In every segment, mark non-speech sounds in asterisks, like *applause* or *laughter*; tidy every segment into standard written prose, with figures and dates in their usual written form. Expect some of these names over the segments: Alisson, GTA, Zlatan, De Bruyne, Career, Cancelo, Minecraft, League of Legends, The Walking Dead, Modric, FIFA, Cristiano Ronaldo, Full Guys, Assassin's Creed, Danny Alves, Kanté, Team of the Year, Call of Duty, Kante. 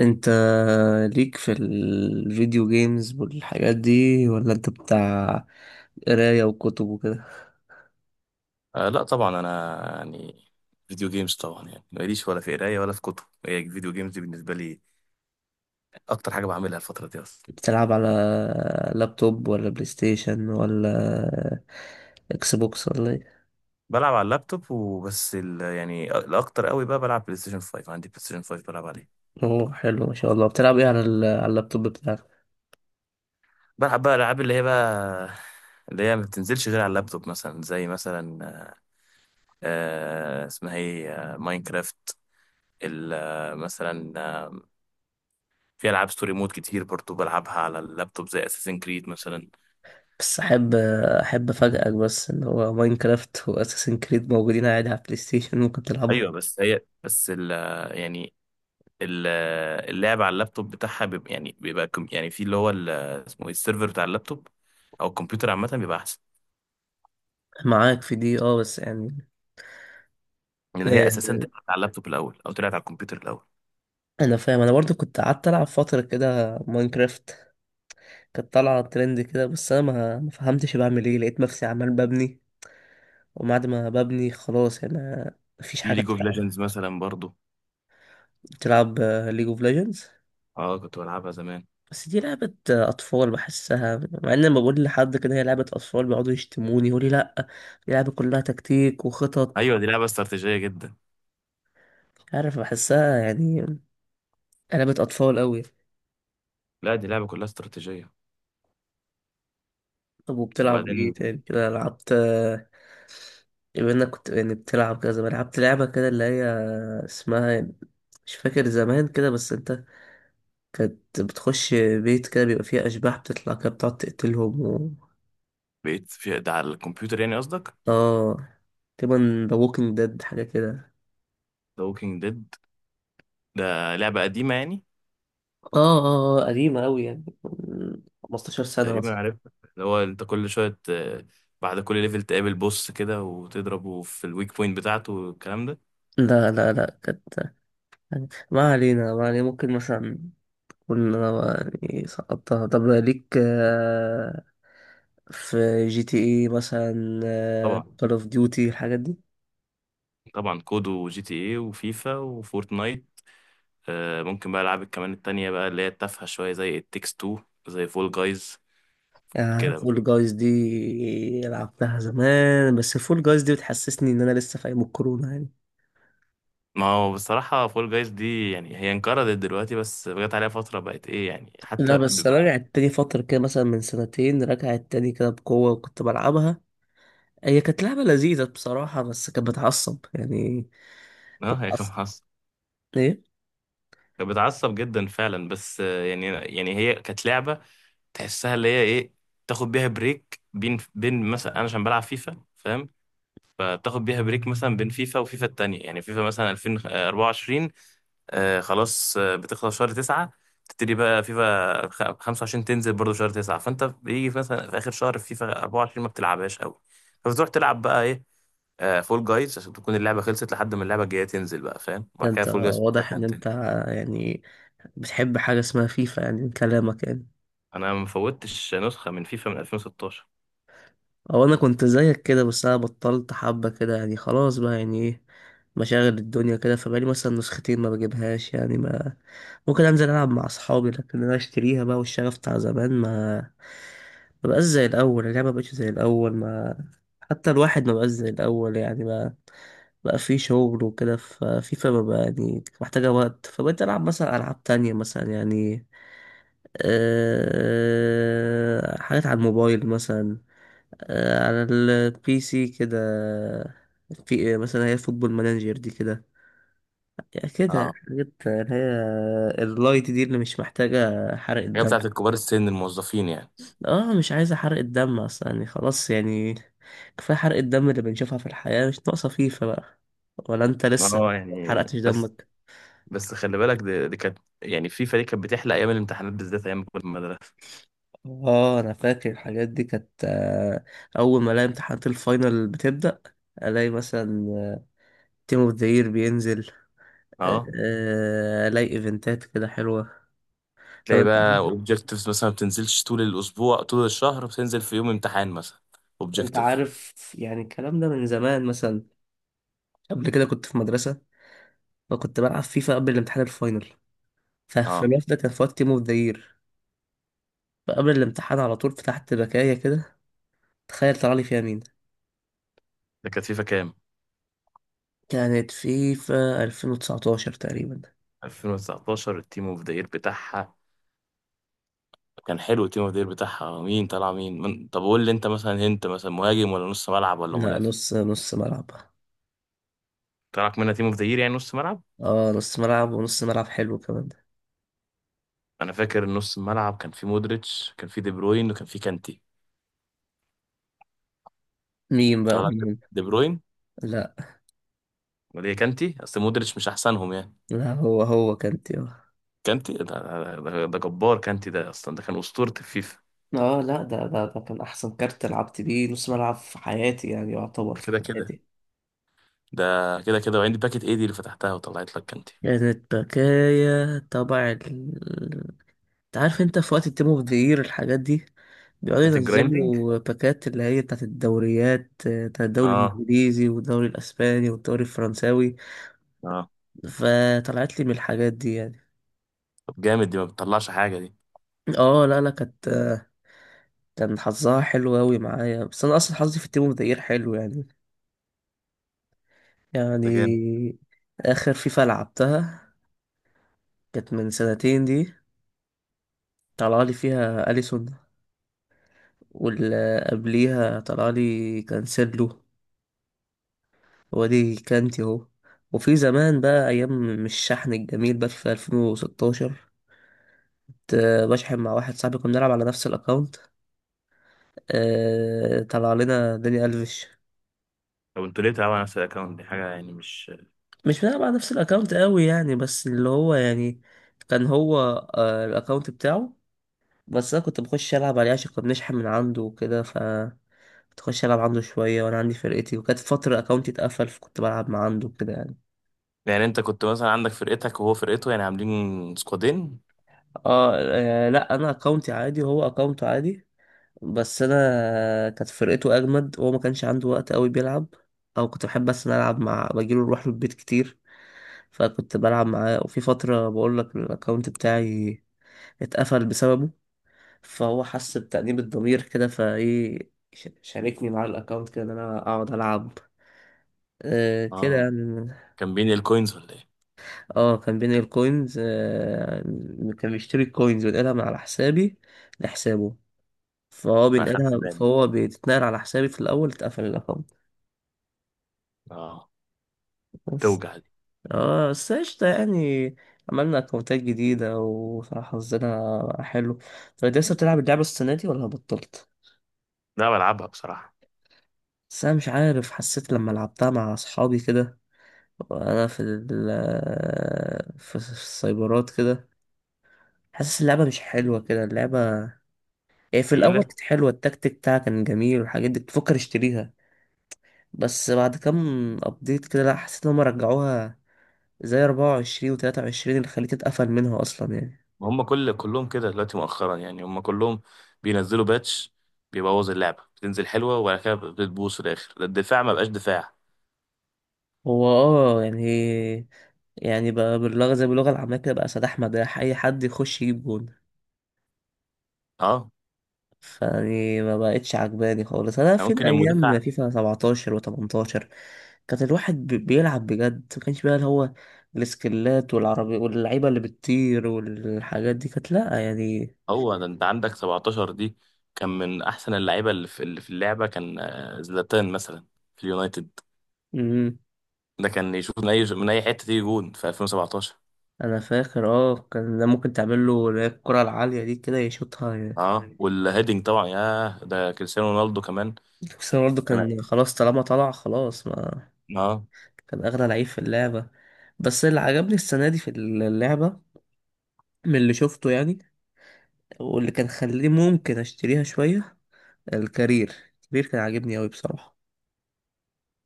انت ليك في الفيديو جيمز والحاجات دي ولا انت بتاع قراية وكتب وكده؟ آه لا طبعا، انا يعني فيديو جيمز طبعا. يعني ماليش ولا في قرايه ولا في كتب، هي فيديو جيمز دي بالنسبه لي اكتر حاجه بعملها الفتره دي اصلا. بتلعب على لابتوب ولا بلاي ستيشن ولا اكس بوكس ولا ايه؟ بلعب على اللابتوب وبس، ال يعني الاكتر قوي بقى بلعب بلاي ستيشن 5، عندي بلاي ستيشن 5 بلعب عليه. اوه، حلو ما شاء الله. بتلعب ايه على على اللابتوب بتاعك؟ بلعب بقى العاب اللي هي ما بتنزلش غير على اللابتوب، مثلا زي مثلا آه اسمها ايه آه، ماينكرافت. مثلا، في العاب ستوري مود كتير برضو بلعبها على اللابتوب، زي اساسن كريد مثلا. بس احب افاجئك، بس ان هو ماينكرافت واساسن كريد موجودين عادي على البلاي ستيشن *laughs* ممكن تلعبهم. ايوه بس هي بس ال- اللعب على اللابتوب بتاعها بيبقى يعني يعني في اللي هو ال- اسمه ايه السيرفر بتاع اللابتوب او الكمبيوتر عامه بيبقى احسن، معاك في دي، اه، بس يعني لان هي آه، اساسا طلعت على اللابتوب الاول او طلعت على الكمبيوتر الاول. انا فاهم. انا برضو كنت قعدت العب فترة كده ماينكرافت، كانت طالعة ترند كده، بس أنا ما فهمتش بعمل إيه، لقيت نفسي عمال ببني، وبعد ما ببني خلاص أنا مفيش في حاجة ليج اوف بتلعب. ليجندز مثلا برضو. تلعب ليج اوف ليجندز؟ اه كنت بلعبها زمان. بس دي لعبة أطفال بحسها، مع إن لما بقول لحد كده هي لعبة أطفال بيقعدوا يشتموني يقولي لأ، دي لعبة كلها تكتيك وخطط. ايوه دي لعبه استراتيجيه جدا. مش عارف، بحسها يعني لعبة أطفال أوي. لا دي لعبه كلها استراتيجيه. طب وبتلعب إيه وبعدين تاني كده؟ لعبت بما انك كنت يعني بتلعب كده زمان، لعبت لعبة كده اللي هي اسمها، مش فاكر زمان كده، بس انت كانت بتخش بيت كده بيبقى فيه أشباح بتطلع كده بتقعد تقتلهم و... بقيت في ده على الكمبيوتر يعني قصدك؟ اه، تقريبا ذا ووكينج ديد حاجة كده. ذا ووكينج ديد، ده لعبه قديمه يعني. اه اه، قديمة أوي يعني من 15 سنة تقريبا مثلا. عارفها، اللي هو انت كل شويه بعد كل ليفل تقابل بوس كده وتضربه في الويك بوينت بتاعته والكلام ده. لا لا لا، كانت ما علينا ما علينا. ممكن مثلا كنا يعني سقطتها. طب ليك في جي تي اي مثلا، طبعا. كول اوف ديوتي، الحاجات دي؟ طبعا كودو وجي تي ايه وفيفا وفورتنايت. آه ممكن بقى العاب كمان التانية بقى اللي هي التافهة شوية، زي التكس 2، زي فول جايز كده بقى. فول جايز دي لعبتها زمان، بس فول جايز دي بتحسسني ان انا لسه في ايام الكورونا يعني. ما هو بصراحة فول جايز دي يعني هي انقرضت دلوقتي، بس جت عليها فترة بقت ايه يعني، لا، حتى بس انا بيبقى... رجعت تاني فترة كده، مثلا من سنتين رجعت تاني كده بقوة وكنت بلعبها. هي كانت لعبة لذيذة بصراحة، بس كانت بتعصب يعني. *laughs* اه كنت هي كانت بتعصب، بتعصب. ايه. كانت بتعصب جدا فعلا، بس يعني هي كانت لعبة تحسها اللي هي ايه، تاخد بيها بريك بين بين، مثلا انا عشان بلعب فيفا فاهم، فتاخد بيها بريك مثلا بين فيفا وفيفا التانية، يعني فيفا مثلا 2024 آه خلاص آه بتخلص شهر تسعة، تبتدي بقى فيفا 25 تنزل برضه شهر تسعة، فانت بيجي في مثلا في اخر شهر في فيفا 24 ما بتلعبهاش قوي، فبتروح تلعب بقى ايه، آه فول جايز، عشان تكون اللعبة خلصت لحد ما اللعبة الجاية تنزل بقى فاهم، ده وبعد كده انت فول جايز واضح ان تكن تاني. انت يعني بتحب حاجة اسمها فيفا يعني من كلامك يعني. انا ما فوتش نسخة من فيفا من 2016. او انا كنت زيك كده، بس انا بطلت حبة كده، يعني خلاص بقى، يعني ايه، مشاغل الدنيا كده، فبقالي مثلا نسختين ما بجيبهاش يعني. ما ممكن انزل العب مع اصحابي، لكن انا اشتريها بقى والشغف بتاع زمان ما بقاش زي الاول، اللعبة ما بقتش زي الاول، ما حتى الواحد ما بقاش زي الاول يعني، ما بقى في شغل وكده. ففيفا بقى يعني محتاجة وقت، فبقيت ألعب مثلا ألعاب تانية، مثلا يعني أه حاجات على الموبايل مثلا، على البي سي كده، في مثلا هي فوتبول مانجر دي كده، يعني كده اه حاجات اللي هي اللايت دي اللي مش محتاجة حرق هي الدم. بتاعت الكبار السن الموظفين يعني. اه، مش عايزة حرق الدم اصلا يعني، خلاص يعني، كفاية حرق الدم اللي بنشوفها في الحياة، مش ناقصة فيفا بقى. ولا انت لسه اه يعني حرقتش بس، دمك؟ بس خلي بالك دي كانت يعني في فريق كانت بتحلق ايام الامتحانات بالذات، ايام ما كنت في المدرسه. اه، انا فاكر الحاجات دي كانت اول ما الاقي امتحانات الفاينل بتبدأ، الاقي مثلا تيم اوف ذا يير بينزل، اه الاقي ايفنتات كده حلوه. طب تلاقي انت بقى عارف، اوبجكتيفز مثلا ما بتنزلش طول الاسبوع طول الشهر، بتنزل في يوم امتحان مثلا، انت اوبجكتيف. عارف يعني الكلام ده من زمان؟ مثلا قبل كده كنت في مدرسه وكنت بلعب فيفا قبل الامتحان الفاينل، ففي اه الوقت ده كان في وقت تيم اوف ذا يير، فقبل الامتحان على طول فتحت بكايه كده. تخيل طلع لي فيها مين! ده كانت فيفا كام؟ كانت فيفا 2019 تقريبا. 2019. التيم اوف ذا يير بتاعها كان حلو. التيم اوف ذا يير بتاعها مين طلع مين من... طب قول لي، انت مثلا انت مثلا مهاجم ولا نص ملعب ولا لا، مدافع؟ نص نص ملعب. طلعك منها تيم اوف ذا يير يعني نص ملعب. اه نص ملعب، ونص ملعب حلو كمان ده. انا فاكر نص الملعب كان في مودريتش، كان في دي بروين، وكان في كانتي. مين بقى طلع لك مين؟ دي بروين؟ لا امال ايه؟ كانتي؟ اصل مودريتش مش احسنهم يعني. لا، هو كانت، كانتي ده جبار، كانتي ده اصلا ده كان اسطوره الفيفا. اه لا، ده كان احسن كارت لعبت بيه نص ملعب في حياتي، يعني يعتبر ده في كده كده. حياتي. ده كده كده. وعندي باكت ايه دي اللي فتحتها وطلعت لك كانتي؟ كانت بكايا تبع ال... انت عارف انت في وقت التيم اوف ذا يير الحاجات دي بيقعدوا بتاعت الجرايندنج. ينزلوا باكات اللي هي بتاعت الدوريات، بتاع الدوري اه. الانجليزي والدوري الاسباني والدوري الفرنساوي، اه. فطلعت لي من الحاجات دي يعني. طب جامد، دي ما بتطلعش حاجه دي، اه لا لا، كانت كان حظها حلو اوي معايا، بس انا اصلا حظي في التيم اوف ذا يير حلو يعني. ده جامد. يعني اخر فيفا لعبتها كانت من سنتين دي، طلع لي فيها أليسون، واللي قبليها طلع لي كانسيلو، وادي كانتي اهو. وفي زمان بقى، أيام مش الشحن الجميل بقى في 2016، كنت بشحن مع واحد صاحبي، كنا بنلعب على نفس الأكاونت، طلع لنا داني ألفيش. طب انتوا ليه تلعبوا على نفس الاكونت؟ دي حاجه يعني مش... مش بنلعب على نفس الأكاونت قوي يعني، بس اللي هو يعني كان هو الأكاونت بتاعه، بس أنا كنت بخش ألعب عليه عشان كنا بنشحن من عنده وكده. ف تخش العب عنده شويه، وانا عندي فرقتي، وكانت فتره اكونتي اتقفل، فكنت بلعب مع عنده كده يعني. يعني انت كنت مثلا عندك فرقتك وهو فرقته، يعني عاملين سكوادين؟ اه، لا، انا اكونتي عادي وهو اكونته عادي، بس انا كانت فرقته اجمد، وهو ما كانش عنده وقت قوي بيلعب، او كنت بحب بس أنا العب مع بجيله، نروح له البيت كتير، فكنت بلعب معاه. وفي فتره، بقول لك، الاكونت بتاعي اتقفل بسببه، فهو حس بتأنيب الضمير كده فايه، شاركني معاه الاكونت كده، ان انا اقعد العب، آه كده اه يعني. كان بين الكوينز ولا ايه؟ اه، كان بينقل كوينز، كان بيشتري الكوينز وينقلها من على حسابي لحسابه، فهو فاخدت بينقلها، بالي. فهو بتتنقل على حسابي، في الأول اتقفل الأكونت. اه بس توجع دي. اه، بس قشطة يعني، عملنا أكونتات جديدة، وصراحة حظنا حلو. طب انت لسه بتلعب اللعبة السنة دي ولا بطلت؟ لا بلعبها بصراحه. بس أنا مش عارف، حسيت لما لعبتها مع أصحابي كده، وأنا في ال في السايبرات كده، حاسس اللعبة مش حلوة كده اللعبة. إيه، في الاول تقيله، كانت حلوه، التكتيك بتاعها كان جميل، والحاجات دي كنت بفكر اشتريها، بس بعد كام ابديت كده لا، حسيت ان هم رجعوها زي 24 و23 اللي خليت اتقفل منها اصلا يعني. ما هم كل كلهم كده دلوقتي مؤخرا، يعني هم كلهم بينزلوا باتش بيبوظ اللعبة، بتنزل حلوة وبعد كده بتبوظ في الآخر، ده الدفاع ما بقاش دفاع. هو اه يعني، يعني بقى باللغه زي باللغه العاميه كده، بقى سداح مداح، اي حد يخش يجيب جون. اه فيعني ما بقتش عجباني خالص، انا يعني في ممكن المدافع... ايام فيفا 17 و18 كان الواحد بيلعب بجد، ما كانش بقى اللي هو السكلات والعربي واللعيبه اللي بتطير والحاجات دي، كانت لا يعني. هو ده انت عندك 17 دي؟ كان من احسن اللعيبة اللي في اللي في اللعبة كان زلاتان مثلا في اليونايتد، امم، ده كان يشوف من اي من اي حتة تيجي جون في 2017. انا فاكر، اه كان ده ممكن تعمل له اللي هي الكرة العالية دي كده يشوطها يعني. اه والهيدنج طبعا، ياه ده كريستيانو رونالدو كمان بس برضه كان... كان خلاص طالما طلع خلاص، ما اه. كان اغلى لعيب في اللعبة. بس اللي عجبني السنة دي في اللعبة من اللي شفته يعني، واللي كان خليني ممكن اشتريها شوية، الكارير. الكارير كان عاجبني اوي بصراحة.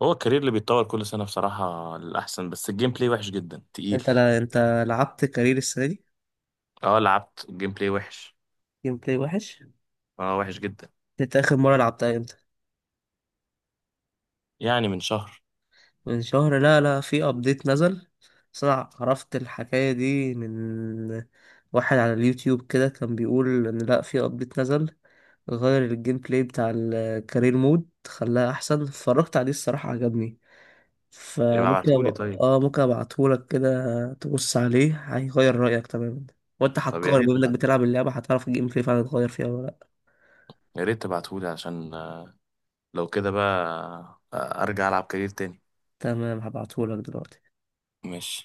هو الكارير اللي بيتطور كل سنة بصراحة الأحسن، بس الجيم بلاي وحش جدا، تقيل. انت لا، انت لعبت كارير السنة دي؟ اه لعبت الجيم بلاي وحش. جيم بلاي وحش. اه وحش جدا. انت اخر مرة لعبتها امتى؟ يعني من شهر. من شهر؟ لا لا، في ابديت نزل. بس انا عرفت الحكاية دي من واحد على اليوتيوب كده كان بيقول ان لا، في ابديت نزل غير الجيم بلاي بتاع الكارير مود، خلاه احسن. اتفرجت عليه الصراحة عجبني، يبقى فممكن ابعتهولي طيب. اه ممكن ابعتهولك كده، تبص عليه هيغير رأيك تماما. وانت طب يا حكار بما ريت انك تبعت، بتلعب اللعبة، هتعرف الجيم بلاي فعلا اتغير فيها ولا لا. يا ريت تبعتهولي عشان لو كده بقى، ارجع العب كارير تاني. تمام، هبعتهولك دلوقتي. ماشي.